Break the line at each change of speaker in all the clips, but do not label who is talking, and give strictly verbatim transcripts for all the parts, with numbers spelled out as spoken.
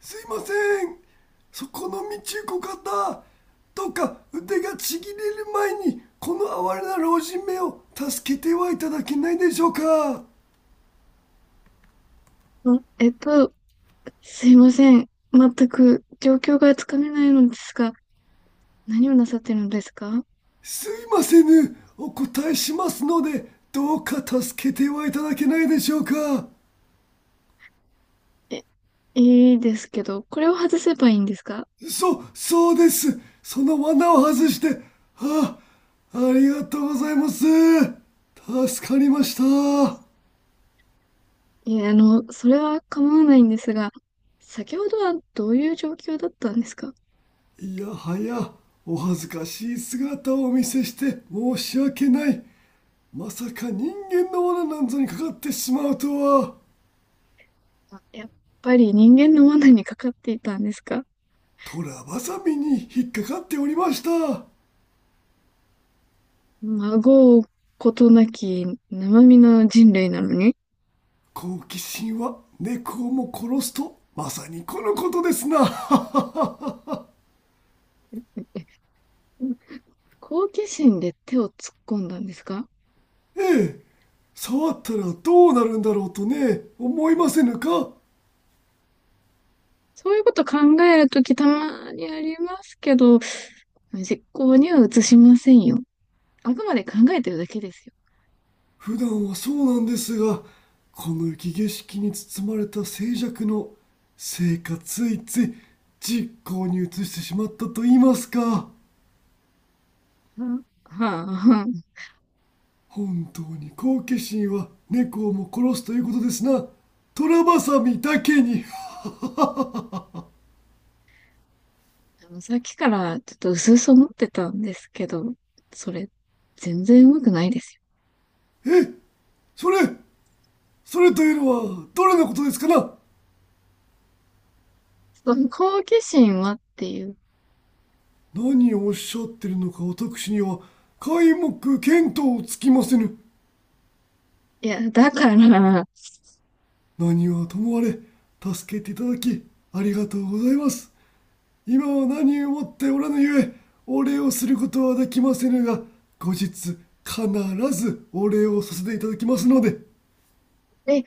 すいません、そこの道ご方、どうか腕がちぎれる前にこの哀れな老人めを助けてはいただけないでしょうか。
あ、えっと、すいません。全く状況がつかめないのですが、何をなさってるのですか？
すいませぬ、お答えしますので、どうか助けてはいただけないでしょうか。
え、いいですけど、これを外せばいいんですか？
そそうです、その罠を外して。あありがとうございます。助かりました。
いや、あの、それは構わないんですが、先ほどはどういう状況だったんですか？
いやはや、お恥ずかしい姿をお見せして申し訳ない。まさか人間の罠なんぞにかかってしまうとは。
あ、やっぱり人間の罠にかかっていたんですか？
虎バサミに引っかかっておりました。
孫うことなき生身の人類なのに、
好奇心は猫をも殺すと、まさにこのことですな。
好奇心で手を突っ込んだんですか？
ええ、触ったらどうなるんだろうとね、思いませぬか？
そういうこと考えるときたまにありますけど、実行には移しませんよ。あくまで考えてるだけです
普段はそうなんですが、この雪景色に包まれた静寂のせいか、ついつい実行に移してしまったと言いますか。
よ。はあはあ、はあ、
本当に好奇心は猫をも殺すということですな。虎バサミだけに。
あの、さっきからちょっと薄々思ってたんですけど、それ、全然うまくないですよ。
え、それ、それというのはどれのことですかな？
その好奇心はっていう。
何をおっしゃってるのか私には皆目見当つきませぬ。
いや、だから、
何はともあれ、助けていただきありがとうございます。今は何をもっておらぬゆえ、お礼をすることはできませぬが、後日必ずお礼をさせていただきますので。
え、い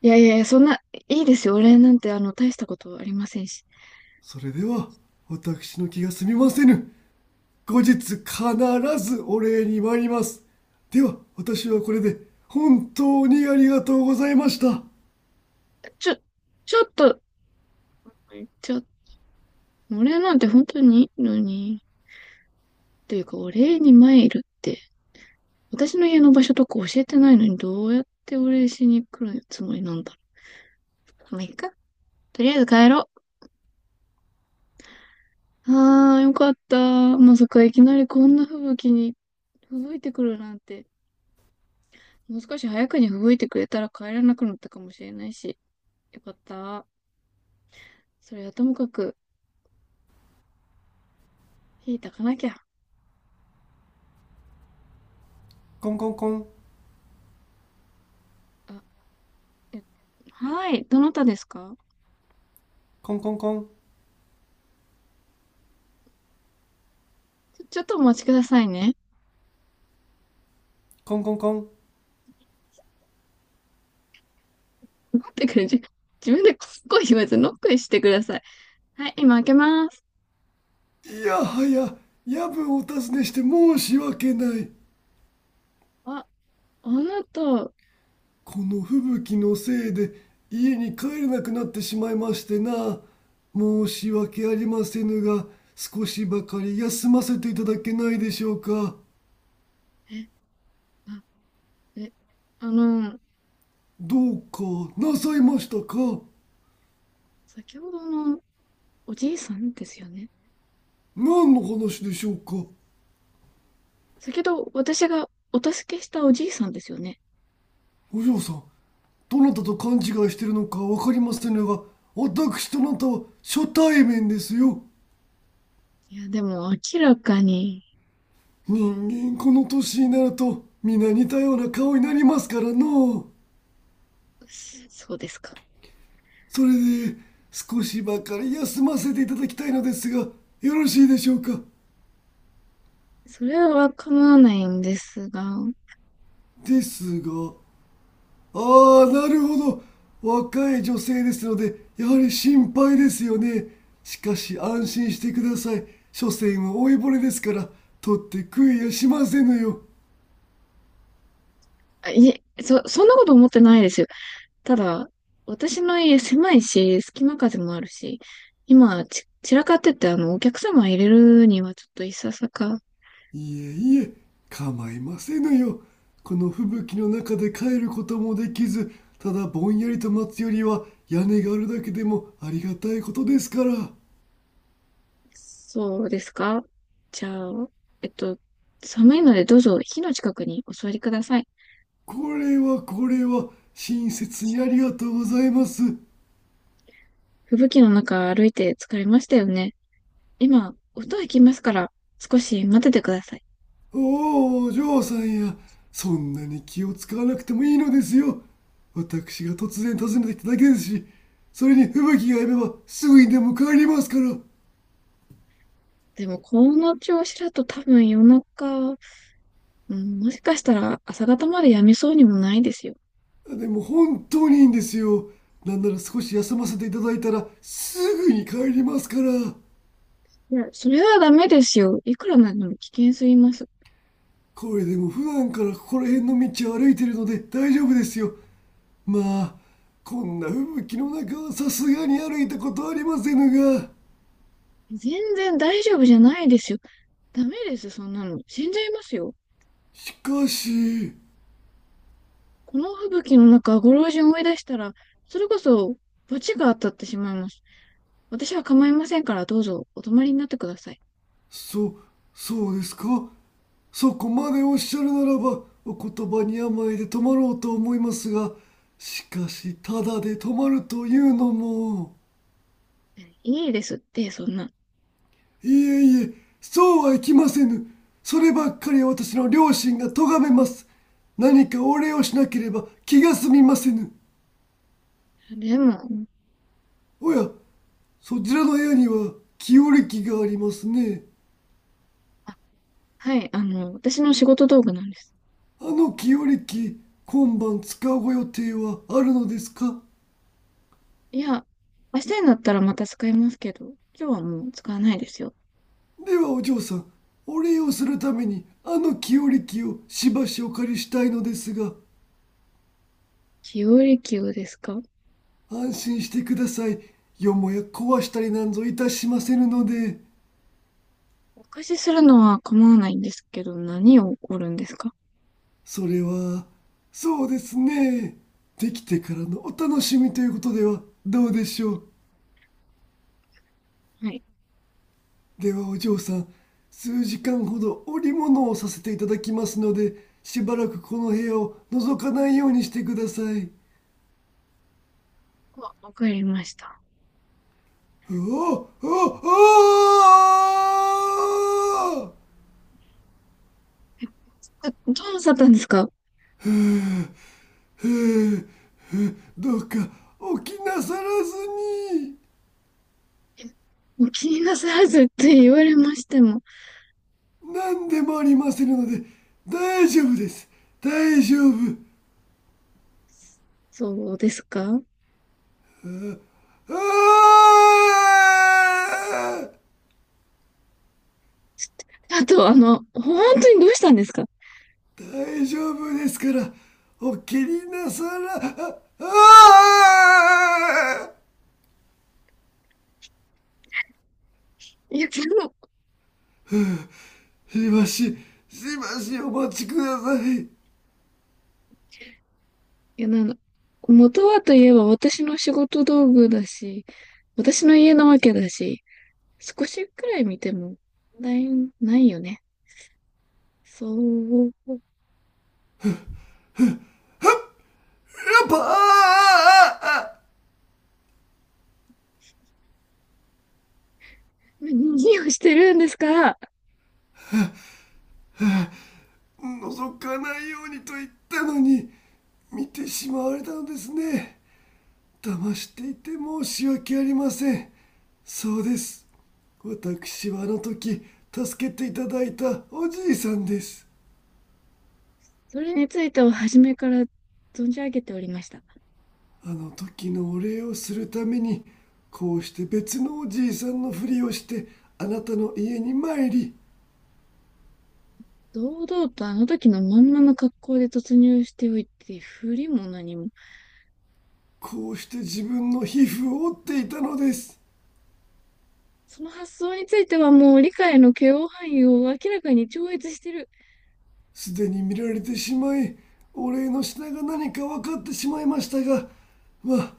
やいやいや、そんな、いいですよ。俺なんて、あの、大したことありませんし。
それでは私の気が済みませぬ。後日必ずお礼に参ります。では私はこれで。本当にありがとうございました。
ちょ、ちょっと、ちょ、俺なんて本当にいいのに、というか、お礼に参るって。私の家の場所とか教えてないのに、どうやってお礼しに来るつもりなんだろう。まあ、いいか。とりあえず帰ろう。あー、よかった。まさかいきなりこんな吹雪に吹雪いてくるなんて。もう少し早くに吹雪いてくれたら帰らなくなったかもしれないし。よかった。それはともかく、火炊かなきゃ。
コンコンコン、
あ、え、はい。どなたですか？
コンコンコン、
ちょ、ちょっとお待ちくださいね。
コンコンコン。
待ってくれ、じ自分でこっこい言わずノックしてください。はい、今開けます。
いやはや、夜分お尋ねして申し訳ない。
あ、あなた、
この吹雪のせいで家に帰れなくなってしまいましてな。申し訳ありませぬが、少しばかり休ませていただけないでしょうか。
え、あ、え、あの、
どうかなさいましたか？
先ほどのおじいさんですよね。
何の話でしょうか？
先ほど私がお助けしたおじいさんですよね。
お嬢さん、どなたと勘違いしてるのか分かりませんが、私とあなたは初対面ですよ。
いや、でも明らかに、
人間この年になると皆似たような顔になりますからのう。
そ、そうですか。
それで、少しばかり休ませていただきたいのですが、よろしいでしょうか？
それは構わないんですが、
ですが、ああ、なるほど、若い女性ですのでやはり心配ですよね。しかし安心してください。所詮は老いぼれですから、取って食いやしませぬよ。
あ、いえ、そ、そんなこと思ってないですよ。ただ、私の家狭いし、隙間風もあるし、今、ち、散らかってて、あの、お客様入れるにはちょっといささか、
いえいえ、構いませぬよ。この吹雪の中で帰ることもできず、ただぼんやりと待つよりは屋根があるだけでもありがたいことですから。
そうですか。じゃあ、えっと、寒いのでどうぞ火の近くにお座りください。
これはこれは、親切にありがとうございます。
吹雪の中歩いて疲れましたよね。今、音がきますから少し待っててください。
おお、お嬢さんや、そんなに気を使わなくてもいいのですよ。私が突然訪ねてきただけですし、それに吹雪がやめばすぐにでも帰りますから。
でも、この調子だと多分夜中、うん、もしかしたら朝方までやめそうにもないですよ。
でも本当にいいんですよ。なんなら少し休ませていただいたらすぐに帰りますから。
いや、それはダメですよ。いくらなんでも危険すぎます。
これでも普段からここら辺の道を歩いているので大丈夫ですよ。まあ、こんな吹雪の中はさすがに歩いたことありませぬが。
全然大丈夫じゃないですよ。ダメです、そんなの。死んじゃいますよ。
しかし、
この吹雪の中、ご老人を追い出したら、それこそ、罰が当たってしまいます。私は構いませんから、どうぞお泊まりになってください。
そそうですか。そこまでおっしゃるならばお言葉に甘えて泊まろうと思いますが、しかしただで泊まるというのも。
いいですって、そんな。
いえいえ、そうはいきませぬ。そればっかりは私の両親が咎めます。何かお礼をしなければ気が済みませぬ。
でも、
おや、そちらの部屋には清暦がありますね。
あ、はい、あの、私の仕事道具なんです。
あの清暦、今晩使うご予定はあるのですか？
いや、明日になったらまた使いますけど、今日はもう使わないですよ。
ではお嬢さん、お礼をするためにあの清暦をしばしお借りしたいのですが。
日和級ですか？
安心してください。よもや壊したりなんぞいたしませぬので。
お貸しするのは構わないんですけど、何を起こるんですか？
それは、そうですね。できてからのお楽しみということではどうでしょう。
はい。
ではお嬢さん、数時間ほど織物をさせていただきますので、しばらくこの部屋を覗かないようにしてください。
わ、わかりました。
おお、おお、
あ、どうなさったんですか？
へえへ、どうか起きなさらずに。
もう気になさらずって言われましても。
何でもありませんので、大丈夫です。大丈夫。
そうですか。
ああー、
あと、あの、本当にどうしたんですか？
大丈夫ですから、お気になさら、ああ、
いや、でも、
しばし、しばしお待ちください。
いや、なんだ、元はといえば私の仕事道具だし、私の家なわけだし、少しくらい見ても問題ないよね。そう、
パあ、
何をしてるんですか？
覗かないようにと言ったのに見てしまわれたのですね。騙していて申し訳ありません。そうです、私はあの時助けていただいたおじいさんです。
それについては初めから存じ上げておりました。
あの時のお礼をするために、こうして別のおじいさんのふりをしてあなたの家に参り、
堂々とあの時のまんまの格好で突入しておいて、振りも何も。
こうして自分の皮膚を折っていたのです。
その発想についてはもう理解の許容範囲を明らかに超越してる。
すでに見られてしまい、お礼の品が何か分かってしまいましたが、まあ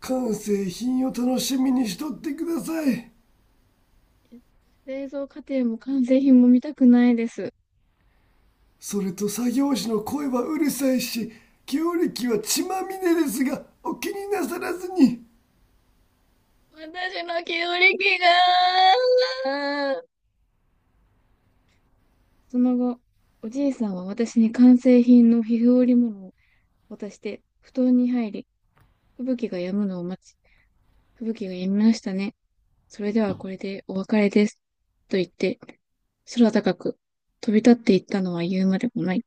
完成品を楽しみにしとってください。
製造過程も完成品も見たくないです。
それと作業士の声はうるさいし、強力は血まみれですが、お気になさらずに。
私の記憶力が。その後、おじいさんは私に完成品の皮膚織物を渡して、布団に入り、吹雪が止むのを待ち、吹雪が止みましたね。それではこれでお別れです。と言って、空高く飛び立っていったのは言うまでもない。